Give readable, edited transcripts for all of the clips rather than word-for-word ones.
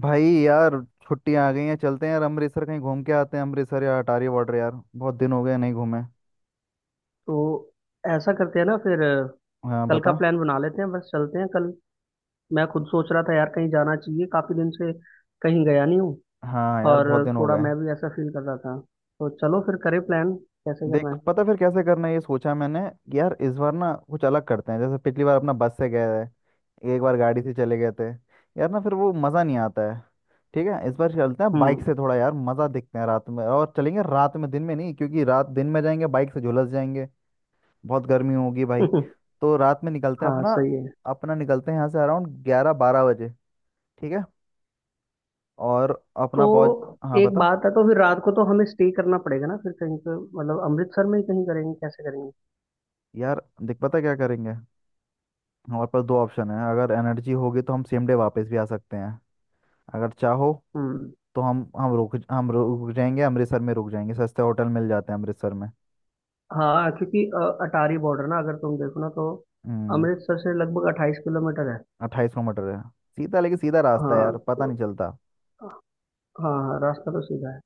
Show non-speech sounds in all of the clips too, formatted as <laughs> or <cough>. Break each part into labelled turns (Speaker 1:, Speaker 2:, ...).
Speaker 1: भाई यार, छुट्टियां आ गई हैं। चलते हैं यार अमृतसर, कहीं घूम के आते हैं। अमृतसर या अटारी बॉर्डर यार, बहुत दिन हो गए नहीं घूमे।
Speaker 2: तो ऐसा करते हैं ना फिर
Speaker 1: हाँ,
Speaker 2: कल का
Speaker 1: बता।
Speaker 2: प्लान बना लेते हैं। बस चलते हैं कल। मैं खुद सोच रहा था यार, कहीं जाना चाहिए काफी दिन से कहीं गया नहीं हूँ।
Speaker 1: हाँ यार,
Speaker 2: और
Speaker 1: बहुत दिन हो
Speaker 2: थोड़ा
Speaker 1: गए।
Speaker 2: मैं भी ऐसा फील कर रहा था। तो चलो फिर करें प्लान, कैसे करना
Speaker 1: देख,
Speaker 2: है।
Speaker 1: पता फिर कैसे करना है ये सोचा मैंने कि यार इस बार ना कुछ अलग करते हैं। जैसे पिछली बार अपना बस से गए थे, एक बार गाड़ी से चले गए थे। यार ना फिर वो मज़ा नहीं आता है। ठीक है, इस बार चलते हैं बाइक
Speaker 2: हम्म।
Speaker 1: से, थोड़ा यार मज़ा देखते हैं। रात में, और चलेंगे रात में, दिन में नहीं, क्योंकि रात दिन में जाएंगे बाइक से झुलस जाएंगे। बहुत गर्मी होगी भाई।
Speaker 2: <laughs>
Speaker 1: तो रात में निकलते हैं
Speaker 2: हाँ
Speaker 1: अपना।
Speaker 2: सही है।
Speaker 1: अपना निकलते हैं यहाँ से अराउंड ग्यारह बारह बजे। ठीक है। और
Speaker 2: तो
Speaker 1: अपना पहुँच। हाँ,
Speaker 2: एक
Speaker 1: बता।
Speaker 2: बात है, तो फिर रात को तो हमें स्टे करना पड़ेगा ना फिर कहीं पे, मतलब अमृतसर में ही कहीं करेंगे, कैसे करेंगे।
Speaker 1: यार देख पता क्या करेंगे। हमारे पास दो ऑप्शन है, अगर एनर्जी होगी तो हम सेम डे वापस भी आ सकते हैं, अगर चाहो।
Speaker 2: हम्म।
Speaker 1: तो हम रुक जाएंगे। अमृतसर में रुक जाएंगे, सस्ते होटल मिल जाते हैं अमृतसर में।
Speaker 2: हाँ, क्योंकि अटारी बॉर्डर ना अगर तुम देखो ना तो
Speaker 1: हम्म।
Speaker 2: अमृतसर से लगभग 28 किलोमीटर है।
Speaker 1: 28 किलोमीटर है। सीधा, लेकिन सीधा रास्ता है
Speaker 2: हाँ।
Speaker 1: यार, पता
Speaker 2: तो
Speaker 1: नहीं चलता।
Speaker 2: हाँ हाँ, रास्ता तो सीधा है।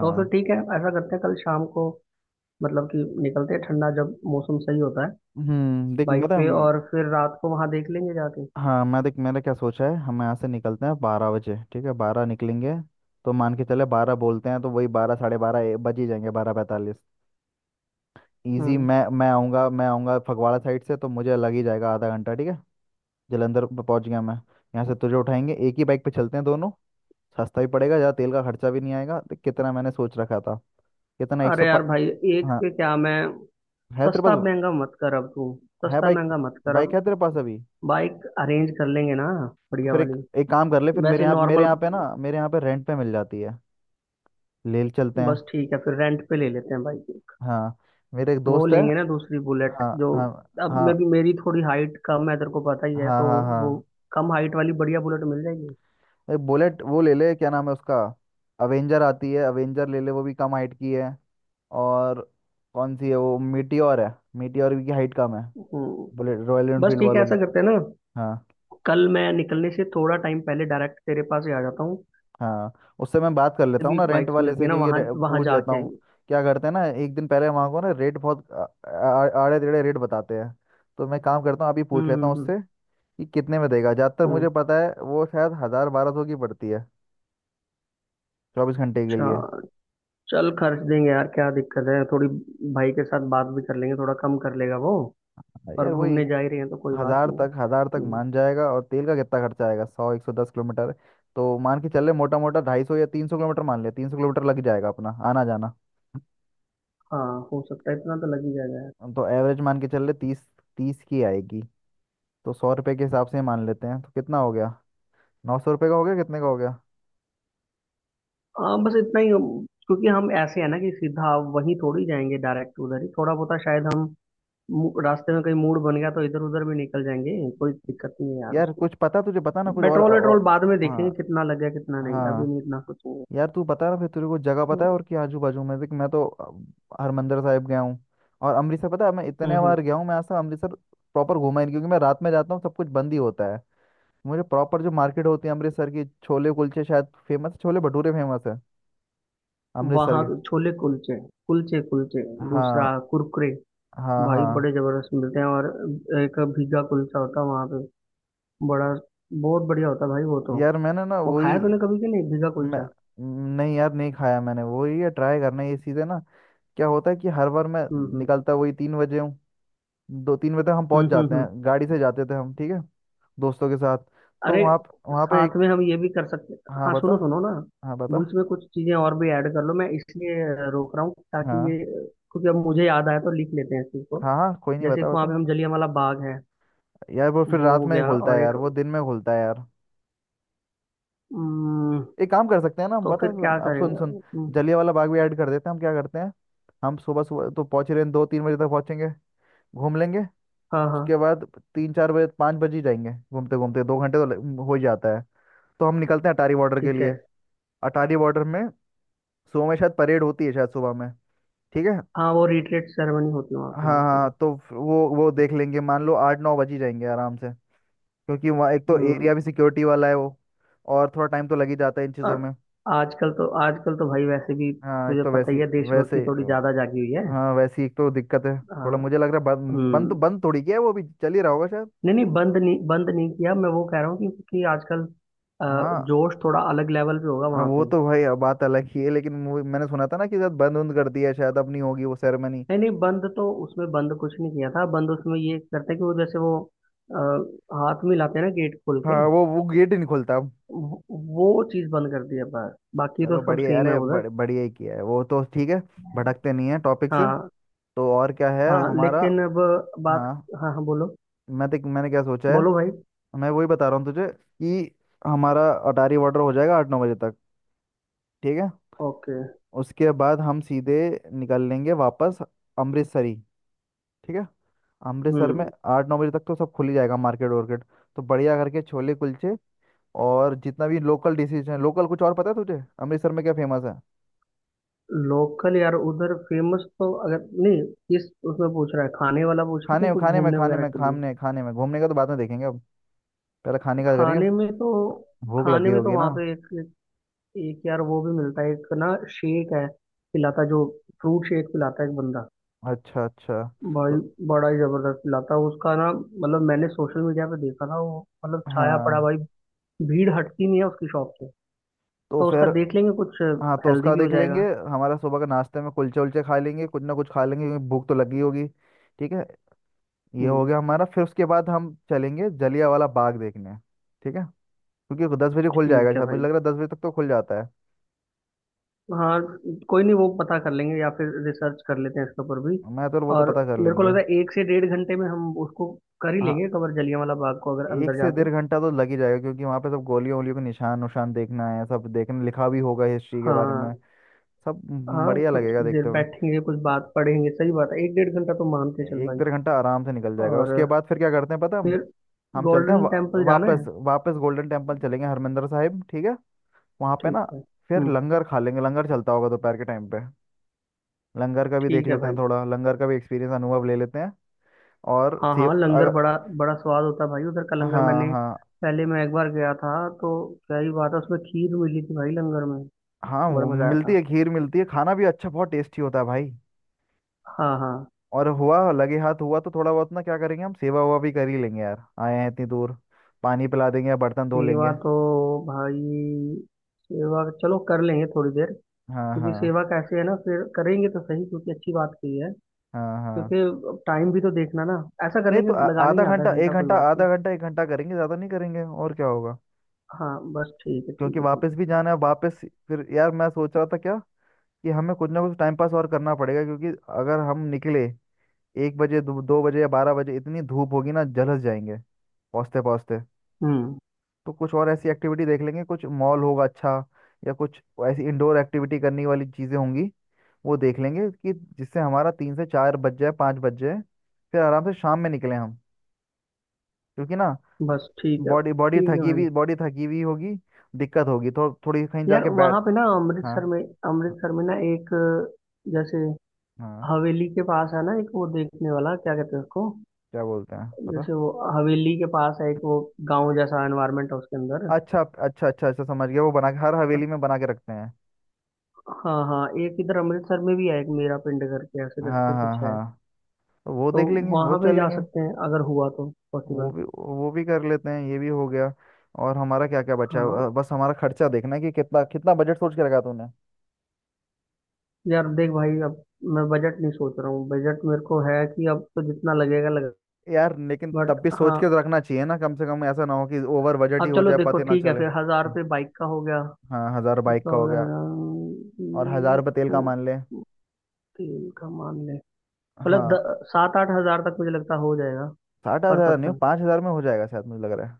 Speaker 2: तो फिर ठीक है, ऐसा करते हैं कल शाम को, मतलब कि निकलते हैं ठंडा जब मौसम सही होता है,
Speaker 1: हम्म, देख
Speaker 2: बाइक पे।
Speaker 1: मतलब।
Speaker 2: और फिर रात को वहां देख लेंगे जाके।
Speaker 1: हाँ, मैं देख मैंने क्या सोचा है हम यहाँ से निकलते हैं बारह बजे। ठीक है, बारह निकलेंगे। तो मान के चले बारह, बोलते हैं तो वही बारह साढ़े बारह बज ही जाएंगे, बारह पैंतालीस। ईजी।
Speaker 2: हम्म।
Speaker 1: मैं आऊँगा फगवाड़ा साइड से, तो मुझे लग ही जाएगा आधा घंटा। ठीक है। जलंधर पहुँच गया मैं, यहाँ से तुझे उठाएंगे। एक ही बाइक पे चलते हैं दोनों। सस्ता भी पड़ेगा, ज़्यादा तेल का खर्चा भी नहीं आएगा। देख कितना मैंने सोच रखा था। कितना एक सौ
Speaker 2: अरे यार भाई, एक
Speaker 1: हाँ।
Speaker 2: पे क्या मैं।
Speaker 1: है तेरे पास?
Speaker 2: सस्ता महंगा मत कर अब तू।
Speaker 1: है
Speaker 2: सस्ता
Speaker 1: बाइक
Speaker 2: महंगा मत कर
Speaker 1: बाइक
Speaker 2: अब।
Speaker 1: है तेरे पास अभी?
Speaker 2: बाइक अरेंज कर लेंगे ना,
Speaker 1: तो
Speaker 2: बढ़िया
Speaker 1: फिर एक
Speaker 2: वाली।
Speaker 1: एक काम कर ले फिर, मेरे
Speaker 2: वैसे
Speaker 1: यहाँ मेरे
Speaker 2: नॉर्मल,
Speaker 1: यहाँ पे ना मेरे यहाँ पे रेंट पे मिल जाती है। ले चलते हैं।
Speaker 2: बस ठीक है फिर रेंट पे ले लेते हैं बाइक एक।
Speaker 1: हाँ, मेरे एक
Speaker 2: वो
Speaker 1: दोस्त है।
Speaker 2: लेंगे ना दूसरी बुलेट
Speaker 1: हाँ,
Speaker 2: जो।
Speaker 1: हाँ,
Speaker 2: अब
Speaker 1: हाँ,
Speaker 2: मेरी मेरी थोड़ी हाइट कम है तेरे को पता ही
Speaker 1: हाँ,
Speaker 2: है तो
Speaker 1: हाँ,
Speaker 2: वो
Speaker 1: हाँ।
Speaker 2: कम हाइट वाली बढ़िया बुलेट मिल जाएगी।
Speaker 1: एक बुलेट वो ले ले, क्या नाम है उसका? अवेंजर आती है, अवेंजर ले ले, वो भी कम हाइट की है। और कौन सी है वो? मीटियोर है, मीटियोर की हाइट कम है।
Speaker 2: हम्म।
Speaker 1: बुलेट रॉयल
Speaker 2: बस
Speaker 1: एनफील्ड
Speaker 2: ठीक है
Speaker 1: वालों
Speaker 2: ऐसा
Speaker 1: की।
Speaker 2: करते हैं ना,
Speaker 1: हाँ,
Speaker 2: कल मैं निकलने से थोड़ा टाइम पहले डायरेक्ट तेरे पास ही आ जाता हूँ।
Speaker 1: हाँ। उससे मैं बात कर लेता हूँ
Speaker 2: भी
Speaker 1: ना रेंट
Speaker 2: बाइक्स
Speaker 1: वाले
Speaker 2: मिलती
Speaker 1: से,
Speaker 2: है ना
Speaker 1: क्योंकि
Speaker 2: वहाँ वहाँ
Speaker 1: पूछ लेता
Speaker 2: जाके
Speaker 1: हूँ।
Speaker 2: आएंगे।
Speaker 1: क्या करते हैं ना, एक दिन पहले वहाँ को ना रेट बहुत आड़े टेढ़े रेट बताते हैं। तो मैं काम करता हूँ अभी, पूछ लेता हूँ
Speaker 2: हम्म।
Speaker 1: उससे कि कितने में देगा। ज्यादातर
Speaker 2: हम्म।
Speaker 1: मुझे पता है, वो शायद हजार बारह सौ की पड़ती है, 24 घंटे के लिए।
Speaker 2: अच्छा। चल खर्च देंगे यार, क्या दिक्कत है थोड़ी। भाई के साथ बात भी कर लेंगे, थोड़ा कम कर लेगा वो।
Speaker 1: हाँ,
Speaker 2: और
Speaker 1: यार वही।
Speaker 2: घूमने जा ही रहे हैं तो कोई बात
Speaker 1: हजार
Speaker 2: नहीं है।
Speaker 1: तक हजार तक
Speaker 2: हम्म।
Speaker 1: मान जाएगा। और तेल का कितना खर्चा आएगा? सौ एक सौ दस किलोमीटर। तो मान के चल ले, मोटा मोटा 250 या 300 किलोमीटर मान ले, 300 किलोमीटर लग जाएगा अपना आना जाना।
Speaker 2: हाँ हो सकता है, इतना तो लग ही जाएगा यार।
Speaker 1: तो एवरेज मान के चल ले तीस, तीस की आएगी। तो सौ रुपये के हिसाब से मान लेते हैं, तो कितना हो गया? 900 रुपये का हो गया, कितने का हो गया?
Speaker 2: हाँ बस इतना ही क्योंकि हम ऐसे है ना कि सीधा वहीं थोड़ी जाएंगे डायरेक्ट, उधर ही थोड़ा बहुत शायद हम रास्ते में कहीं मूड बन गया तो इधर उधर भी निकल जाएंगे, कोई दिक्कत नहीं है यार
Speaker 1: यार
Speaker 2: उसमें।
Speaker 1: कुछ पता तुझे, बता ना कुछ और,
Speaker 2: पेट्रोल
Speaker 1: और
Speaker 2: वेट्रोल
Speaker 1: और
Speaker 2: बाद में देखेंगे
Speaker 1: हाँ,
Speaker 2: कितना लगे कितना नहीं, अभी
Speaker 1: हाँ।
Speaker 2: नहीं इतना सोचेंगे।
Speaker 1: यार तू बता ना फिर, तेरे को जगह पता
Speaker 2: तो
Speaker 1: है और कि आजू बाजू में? देख, मैं तो हरमंदिर साहिब गया हूँ। और अमृतसर, पता है मैं इतने
Speaker 2: हम्म।
Speaker 1: बार गया हूँ, मैं आज तक अमृतसर प्रॉपर घूमा ही नहीं, क्योंकि मैं रात में जाता हूँ सब कुछ बंद ही होता है। मुझे प्रॉपर जो मार्केट होती है अमृतसर की, छोले कुलचे शायद फेमस, छोले भटूरे फेमस है अमृतसर
Speaker 2: वहाँ
Speaker 1: के।
Speaker 2: के छोले कुलचे। कुलचे कुलचे। दूसरा
Speaker 1: हाँ,
Speaker 2: कुरकुरे।
Speaker 1: हाँ,
Speaker 2: भाई
Speaker 1: हाँ।
Speaker 2: बड़े जबरदस्त मिलते हैं। और एक भीगा कुलचा होता है वहाँ पे, बड़ा बहुत बढ़िया होता है भाई वो तो।
Speaker 1: यार मैंने ना
Speaker 2: वो
Speaker 1: वही,
Speaker 2: खाया तूने कभी कि नहीं, भीगा
Speaker 1: मैं,
Speaker 2: कुलचा।
Speaker 1: नहीं यार नहीं खाया मैंने, वही है ट्राई करना है ये चीज़ें ना। क्या होता है कि हर बार मैं
Speaker 2: हम्म हम्म
Speaker 1: निकलता वही तीन बजे हूँ, दो तीन बजे तक हम पहुंच
Speaker 2: हम्म हम्म
Speaker 1: जाते
Speaker 2: हम्म।
Speaker 1: हैं। गाड़ी से जाते थे हम, ठीक है। दोस्तों के साथ। तो
Speaker 2: अरे
Speaker 1: वहाँ वहाँ पे
Speaker 2: साथ
Speaker 1: एक।
Speaker 2: में हम ये भी कर सकते।
Speaker 1: हाँ,
Speaker 2: हाँ
Speaker 1: बता।
Speaker 2: सुनो सुनो ना,
Speaker 1: हाँ, बता।
Speaker 2: बीच में कुछ चीजें और भी ऐड कर लो। मैं इसलिए रोक रहा हूँ ताकि ये,
Speaker 1: हाँ,
Speaker 2: क्योंकि अब मुझे याद आया तो लिख लेते हैं इस चीज को।
Speaker 1: हाँ, हाँ, कोई नहीं,
Speaker 2: जैसे
Speaker 1: बता
Speaker 2: एक वहाँ
Speaker 1: बता।
Speaker 2: पे हम जलियांवाला बाग है।
Speaker 1: यार वो फिर
Speaker 2: वो
Speaker 1: रात
Speaker 2: हो
Speaker 1: में ही
Speaker 2: गया,
Speaker 1: खुलता है,
Speaker 2: और एक
Speaker 1: यार वो दिन में खुलता है यार।
Speaker 2: उम्म,
Speaker 1: एक काम कर सकते हैं ना हम,
Speaker 2: तो
Speaker 1: बता
Speaker 2: फिर
Speaker 1: सुन,
Speaker 2: क्या
Speaker 1: अब सुन
Speaker 2: करेंगे।
Speaker 1: सुन।
Speaker 2: उम्म,
Speaker 1: जलियांवाला बाग भी ऐड कर देते हैं, हम क्या करते हैं। हम सुबह सुबह तो पहुंच रहे हैं, दो तीन बजे तक पहुंचेंगे। घूम लेंगे।
Speaker 2: हाँ हाँ
Speaker 1: उसके बाद तीन चार बजे, पाँच बजे ही जाएंगे घूमते घूमते, दो घंटे तो हो ही जाता है। तो हम निकलते हैं अटारी बॉर्डर के
Speaker 2: ठीक है।
Speaker 1: लिए। अटारी बॉर्डर में सुबह में शायद परेड होती है, शायद सुबह में। ठीक है।
Speaker 2: हाँ वो रिट्रीट सेरेमनी होती है वहाँ
Speaker 1: हाँ,
Speaker 2: पे, हाँ सही
Speaker 1: हाँ,
Speaker 2: है।
Speaker 1: तो वो देख लेंगे, मान लो आठ नौ बज ही जाएंगे आराम से। क्योंकि वहाँ एक तो
Speaker 2: हम्म।
Speaker 1: एरिया भी सिक्योरिटी वाला है वो। और थोड़ा टाइम तो लग ही जाता है इन चीज़ों
Speaker 2: और
Speaker 1: में।
Speaker 2: आजकल तो, आजकल तो भाई वैसे भी
Speaker 1: हाँ, एक
Speaker 2: तुझे
Speaker 1: तो
Speaker 2: पता
Speaker 1: वैसी,
Speaker 2: ही है, देशभक्ति
Speaker 1: वैसे
Speaker 2: थोड़ी ज्यादा जागी हुई है।
Speaker 1: हाँ वैसी एक तो दिक्कत है।
Speaker 2: हाँ।
Speaker 1: थोड़ा मुझे लग रहा है बंद, बंद
Speaker 2: हम्म।
Speaker 1: तो बंद थोड़ी किया है, वो भी चल ही रहा होगा शायद।
Speaker 2: नहीं नहीं, बंद नहीं, बंद नहीं किया। मैं वो कह रहा हूँ कि आजकल अ,
Speaker 1: हाँ।
Speaker 2: जोश थोड़ा अलग लेवल पे होगा
Speaker 1: हाँ,
Speaker 2: वहाँ
Speaker 1: वो
Speaker 2: पे।
Speaker 1: तो भाई अब बात अलग ही है, लेकिन मैंने सुना था ना कि शायद बंद उंद कर दिया है, शायद अब नहीं होगी वो सेरेमनी।
Speaker 2: नहीं नहीं, बंद तो उसमें बंद कुछ नहीं किया था, बंद उसमें ये करते हैं कि वो जैसे वो आ, हाथ में लाते हैं ना गेट खोल
Speaker 1: हाँ,
Speaker 2: के,
Speaker 1: वो गेट ही नहीं खुलता अब।
Speaker 2: वो वो चीज़ बंद कर दी है बस, बाकी तो
Speaker 1: चलो
Speaker 2: सब
Speaker 1: बढ़िया,
Speaker 2: सेम है
Speaker 1: अरे
Speaker 2: उधर।
Speaker 1: बढ़िया ही किया है वो तो। ठीक है। भटकते नहीं है टॉपिक से।
Speaker 2: हाँ
Speaker 1: तो और क्या है
Speaker 2: हाँ
Speaker 1: हमारा।
Speaker 2: लेकिन अब बात।
Speaker 1: हाँ।
Speaker 2: हाँ हाँ बोलो।
Speaker 1: मैं देख मैंने क्या सोचा है।
Speaker 2: बोलो भाई।
Speaker 1: मैं वही बता रहा हूँ तुझे। कि हमारा अटारी वाटर हो जाएगा आठ नौ बजे तक। ठीक है।
Speaker 2: ओके।
Speaker 1: उसके बाद हम सीधे निकल लेंगे वापस, अमृतसर ही। ठीक है। अमृतसर में
Speaker 2: हम्म।
Speaker 1: आठ नौ बजे तक तो सब खुल ही जाएगा, मार्केट वार्केट। तो बढ़िया करके छोले कुलचे और जितना भी लोकल डिशेज हैं लोकल, कुछ और पता है तुझे अमृतसर में क्या फेमस है?
Speaker 2: लोकल यार उधर फेमस तो अगर नहीं, इस उसमें पूछ रहा है, खाने वाला पूछ रहे थे
Speaker 1: खाने
Speaker 2: कुछ
Speaker 1: खाने में
Speaker 2: घूमने
Speaker 1: खाने
Speaker 2: वगैरह
Speaker 1: में
Speaker 2: के लिए।
Speaker 1: खाने खाने में घूमने का तो बाद में देखेंगे अब। पहले खाने का करेंगे।
Speaker 2: खाने में तो,
Speaker 1: भूख
Speaker 2: खाने
Speaker 1: लगी
Speaker 2: में तो
Speaker 1: होगी ना।
Speaker 2: वहाँ पे एक, एक यार वो भी मिलता है, एक ना शेक है पिलाता जो, फ्रूट शेक पिलाता है एक बंदा।
Speaker 1: अच्छा, अच्छा।
Speaker 2: भाई
Speaker 1: तो।
Speaker 2: बड़ा ही जबरदस्त पिलाता है उसका ना, मतलब मैंने सोशल मीडिया पे देखा था वो, मतलब छाया पड़ा
Speaker 1: हाँ,
Speaker 2: भाई, भीड़ हटती नहीं है उसकी शॉप से।
Speaker 1: तो
Speaker 2: तो उसका
Speaker 1: फिर।
Speaker 2: देख लेंगे कुछ,
Speaker 1: हाँ, तो
Speaker 2: हेल्दी
Speaker 1: उसका
Speaker 2: भी हो
Speaker 1: देख लेंगे।
Speaker 2: जाएगा।
Speaker 1: हमारा सुबह का नाश्ते में कुलचे उलचे खा लेंगे, कुछ ना कुछ खा लेंगे क्योंकि भूख तो लगी होगी। ठीक है। ये हो
Speaker 2: हम्म।
Speaker 1: गया हमारा। फिर उसके बाद हम चलेंगे जलियांवाला बाग देखने। ठीक है। क्योंकि वो दस बजे खुल जाएगा
Speaker 2: ठीक है
Speaker 1: शायद, मुझे
Speaker 2: भाई।
Speaker 1: लग रहा है दस बजे तक तो खुल जाता है।
Speaker 2: हाँ, कोई नहीं वो पता कर लेंगे या फिर रिसर्च कर लेते हैं इसके ऊपर भी।
Speaker 1: मैं तो, वो तो
Speaker 2: और
Speaker 1: पता कर
Speaker 2: मेरे को
Speaker 1: लेंगे।
Speaker 2: लगता है 1 से 1.5 घंटे में हम उसको कर ही लेंगे,
Speaker 1: हाँ,
Speaker 2: कवर जलियांवाला बाग को, अगर
Speaker 1: एक
Speaker 2: अंदर
Speaker 1: से डेढ़
Speaker 2: जाके।
Speaker 1: घंटा तो लग ही जाएगा, क्योंकि वहाँ पे सब गोलियों वोलियों के निशान उशान देखना है सब, देखने लिखा भी होगा हिस्ट्री के बारे
Speaker 2: हाँ
Speaker 1: में। सब।
Speaker 2: हाँ,
Speaker 1: बढ़िया
Speaker 2: कुछ
Speaker 1: लगेगा
Speaker 2: देर
Speaker 1: देखते हुए।
Speaker 2: बैठेंगे कुछ बात पढ़ेंगे, सही बात है, 1-1.5 घंटा तो मान के चल
Speaker 1: एक
Speaker 2: भाई।
Speaker 1: डेढ़ घंटा आराम से निकल जाएगा,
Speaker 2: और
Speaker 1: उसके बाद फिर क्या करते हैं, पता है हम?
Speaker 2: फिर
Speaker 1: हम चलते हैं
Speaker 2: गोल्डन टेम्पल जाना
Speaker 1: वापस,
Speaker 2: है,
Speaker 1: वापस गोल्डन टेम्पल चलेंगे, हरमिंदर साहिब। ठीक है। वहाँ पे
Speaker 2: ठीक
Speaker 1: ना।
Speaker 2: है।
Speaker 1: फिर
Speaker 2: हम्म।
Speaker 1: लंगर खा लेंगे, लंगर चलता होगा दोपहर के टाइम पे। लंगर का भी देख
Speaker 2: ठीक है
Speaker 1: लेते हैं
Speaker 2: भाई।
Speaker 1: थोड़ा, लंगर का भी एक्सपीरियंस अनुभव ले लेते हैं। और
Speaker 2: हाँ
Speaker 1: सेव
Speaker 2: हाँ, लंगर
Speaker 1: अगर।
Speaker 2: बड़ा बड़ा स्वाद होता है भाई, उधर का
Speaker 1: हाँ,
Speaker 2: लंगर मैंने
Speaker 1: हाँ,
Speaker 2: पहले मैं एक बार गया था, तो क्या ही बात है, उसमें खीर मिली थी भाई लंगर में,
Speaker 1: हाँ।
Speaker 2: बड़ा
Speaker 1: वो
Speaker 2: मजा आया
Speaker 1: मिलती
Speaker 2: था।
Speaker 1: है खीर, मिलती है, खाना भी अच्छा बहुत टेस्टी होता है भाई।
Speaker 2: हाँ हाँ।
Speaker 1: और हुआ लगे हाथ हुआ तो थोड़ा बहुत ना क्या करेंगे, हम सेवा हुआ भी कर ही लेंगे यार, आए हैं इतनी दूर। पानी पिला देंगे या बर्तन धो
Speaker 2: सेवा
Speaker 1: लेंगे।
Speaker 2: तो भाई, सेवा चलो कर लेंगे थोड़ी देर,
Speaker 1: हाँ,
Speaker 2: क्योंकि
Speaker 1: हाँ,
Speaker 2: सेवा कैसे है ना, फिर करेंगे तो सही, क्योंकि अच्छी बात की है।
Speaker 1: हाँ, हाँ।
Speaker 2: क्योंकि टाइम भी तो देखना ना, ऐसा कर
Speaker 1: नहीं तो
Speaker 2: लेंगे लगा
Speaker 1: आधा
Speaker 2: लेंगे आधा
Speaker 1: घंटा एक
Speaker 2: घंटा कोई
Speaker 1: घंटा,
Speaker 2: बात
Speaker 1: आधा
Speaker 2: नहीं।
Speaker 1: घंटा एक घंटा करेंगे, ज़्यादा नहीं करेंगे, और क्या होगा।
Speaker 2: हाँ बस ठीक है
Speaker 1: क्योंकि
Speaker 2: ठीक है ठीक
Speaker 1: वापस भी
Speaker 2: है।
Speaker 1: जाना है वापस। फिर यार मैं सोच रहा था क्या, कि हमें कुछ ना कुछ टाइम पास और करना पड़ेगा, क्योंकि अगर हम निकले एक बजे दो बजे या बारह बजे, इतनी धूप होगी ना जलस जाएंगे पहुँचते पहुँचते।
Speaker 2: हम्म।
Speaker 1: तो कुछ और ऐसी एक्टिविटी देख लेंगे, कुछ मॉल होगा अच्छा, या कुछ ऐसी इंडोर एक्टिविटी करने वाली चीज़ें होंगी। वो देख लेंगे, कि जिससे हमारा तीन से चार बज जाए, पाँच बज जाए। फिर आराम से शाम में निकले हम। क्योंकि ना,
Speaker 2: बस
Speaker 1: बॉडी
Speaker 2: ठीक है भाई।
Speaker 1: बॉडी थकी हुई होगी। दिक्कत होगी थोड़ी, कहीं
Speaker 2: यार
Speaker 1: जाके बैठ।
Speaker 2: वहाँ पे ना
Speaker 1: हाँ,
Speaker 2: अमृतसर में,
Speaker 1: हाँ,
Speaker 2: अमृतसर में ना एक, जैसे
Speaker 1: हाँ।
Speaker 2: हवेली के पास है ना एक वो देखने वाला, क्या कहते हैं उसको।
Speaker 1: क्या बोलते हैं पता।
Speaker 2: जैसे वो हवेली के पास है एक वो, गांव जैसा एनवायरनमेंट है उसके अंदर।
Speaker 1: अच्छा, अच्छा, अच्छा, अच्छा, समझ गया, वो बना के हर हवेली
Speaker 2: पर-
Speaker 1: में बना के रखते हैं।
Speaker 2: हाँ हाँ, एक इधर अमृतसर में भी है, एक मेरा पिंड करके ऐसे
Speaker 1: हाँ,
Speaker 2: करके
Speaker 1: हाँ,
Speaker 2: कुछ है।
Speaker 1: हाँ। तो वो
Speaker 2: तो
Speaker 1: देख लेंगे, वो
Speaker 2: वहां पे
Speaker 1: चल
Speaker 2: जा
Speaker 1: लेंगे।
Speaker 2: सकते हैं अगर हुआ तो
Speaker 1: वो
Speaker 2: पॉसिबल।
Speaker 1: भी वो भी कर लेते हैं, ये भी हो गया। और हमारा क्या क्या बचा है,
Speaker 2: हाँ
Speaker 1: बस हमारा खर्चा देखना है कि कितना कितना बजट सोच के रखा तूने।
Speaker 2: यार देख भाई अब, मैं बजट नहीं सोच रहा हूँ, बजट मेरे को है कि अब तो जितना लगेगा लगेगा।
Speaker 1: यार लेकिन तब
Speaker 2: बट
Speaker 1: भी सोच
Speaker 2: हाँ
Speaker 1: के तो रखना चाहिए ना, कम से कम ऐसा ना हो कि ओवर बजट ही
Speaker 2: अब
Speaker 1: हो
Speaker 2: चलो
Speaker 1: जाए,
Speaker 2: देखो
Speaker 1: पते ना
Speaker 2: ठीक है,
Speaker 1: चले।
Speaker 2: फिर 1,000 रुपये बाइक का हो गया,
Speaker 1: हाँ, हजार बाइक
Speaker 2: उसका
Speaker 1: का
Speaker 2: हो
Speaker 1: हो
Speaker 2: गया।
Speaker 1: गया। और हजार
Speaker 2: हम्म।
Speaker 1: रुपये तेल का
Speaker 2: तो
Speaker 1: मान ले।
Speaker 2: तेल का मान ले, मतलब
Speaker 1: हाँ,
Speaker 2: 7-8 हज़ार तक मुझे लगता हो जाएगा।
Speaker 1: साठ
Speaker 2: पर
Speaker 1: हजार नहीं,
Speaker 2: पर्सन
Speaker 1: 5,000 में हो जाएगा शायद, मुझे लग रहा है।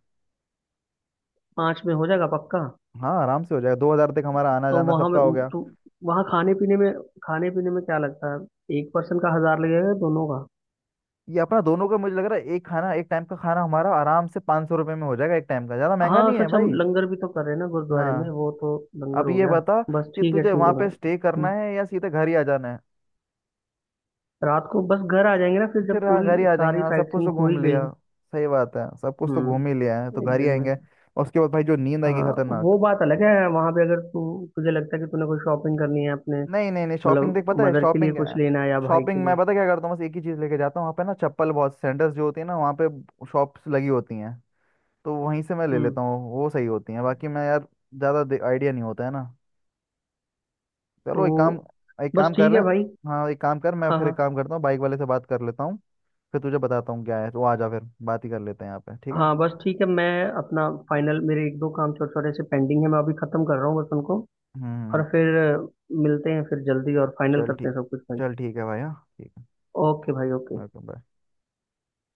Speaker 2: पाँच में हो जाएगा पक्का।
Speaker 1: हाँ, आराम से हो जाएगा, 2,000 तक हमारा आना
Speaker 2: तो
Speaker 1: जाना
Speaker 2: वहाँ
Speaker 1: सबका
Speaker 2: में,
Speaker 1: हो गया।
Speaker 2: तो वहाँ खाने पीने में, खाने पीने में क्या लगता है, एक पर्सन का 1,000 लगेगा या दोनों का।
Speaker 1: ये अपना दोनों का मुझे लग रहा है, एक खाना एक टाइम का खाना हमारा आराम से 500 सौ रुपये में हो जाएगा एक टाइम का, ज़्यादा महंगा
Speaker 2: हाँ
Speaker 1: नहीं है
Speaker 2: सच हम
Speaker 1: भाई।
Speaker 2: लंगर भी तो कर रहे हैं ना गुरुद्वारे में,
Speaker 1: हाँ,
Speaker 2: वो तो लंगर
Speaker 1: अब
Speaker 2: हो
Speaker 1: ये
Speaker 2: गया।
Speaker 1: बता
Speaker 2: बस
Speaker 1: कि तुझे
Speaker 2: ठीक
Speaker 1: वहाँ
Speaker 2: है
Speaker 1: पे
Speaker 2: भाई।
Speaker 1: स्टे करना
Speaker 2: हम्म।
Speaker 1: है या सीधे घर ही आ जाना है।
Speaker 2: रात को बस घर आ जाएंगे ना, फिर
Speaker 1: फिर
Speaker 2: जब
Speaker 1: हाँ
Speaker 2: पूरी
Speaker 1: घर ही आ जाएंगे,
Speaker 2: सारी
Speaker 1: हाँ सब
Speaker 2: साइट
Speaker 1: कुछ
Speaker 2: सीइंग
Speaker 1: तो
Speaker 2: हो
Speaker 1: घूम
Speaker 2: ही गई।
Speaker 1: लिया। सही बात है, सब कुछ तो घूम ही लिया है तो
Speaker 2: हम्म। एक
Speaker 1: घर ही
Speaker 2: दिन में।
Speaker 1: आएंगे। और उसके बाद भाई जो नींद आएगी
Speaker 2: हाँ
Speaker 1: खतरनाक।
Speaker 2: वो बात अलग है, वहां पे अगर तू, तुझे लगता है कि तूने कोई शॉपिंग करनी है अपने,
Speaker 1: नहीं, नहीं, नहीं, शॉपिंग
Speaker 2: मतलब
Speaker 1: देख, पता है
Speaker 2: मदर के लिए
Speaker 1: शॉपिंग क्या
Speaker 2: कुछ
Speaker 1: है?
Speaker 2: लेना है या भाई के
Speaker 1: शॉपिंग मैं
Speaker 2: लिए।
Speaker 1: पता क्या करता हूँ, बस एक ही चीज़ लेके जाता हूँ वहाँ पे ना चप्पल, बहुत सेंटर्स जो होती है ना वहाँ पे। शॉप्स लगी होती हैं। तो वहीं से मैं ले
Speaker 2: हम्म।
Speaker 1: लेता हूँ, वो सही होती है, बाकी मैं यार ज़्यादा आइडिया नहीं होता है ना।
Speaker 2: तो
Speaker 1: चलो एक काम एक
Speaker 2: बस
Speaker 1: काम कर
Speaker 2: ठीक
Speaker 1: ले।
Speaker 2: है भाई।
Speaker 1: हाँ एक काम कर, मैं
Speaker 2: हाँ
Speaker 1: फिर एक
Speaker 2: हाँ
Speaker 1: काम करता हूँ, बाइक वाले से बात कर लेता हूँ। फिर तुझे बताता हूँ क्या है, तो आ जा फिर बात ही कर लेते हैं यहाँ पे, ठीक है।
Speaker 2: हाँ। बस ठीक है, मैं अपना फाइनल, मेरे एक दो काम छोटे छोटे से पेंडिंग है, मैं अभी खत्म कर रहा हूँ बस उनको। और
Speaker 1: हम्म।
Speaker 2: फिर मिलते हैं फिर जल्दी और फाइनल
Speaker 1: चल
Speaker 2: करते
Speaker 1: ठीक।
Speaker 2: हैं सब कुछ भाई।
Speaker 1: चल ठीक है भाई, हाँ ठीक है।
Speaker 2: ओके भाई ओके।
Speaker 1: Okay bye.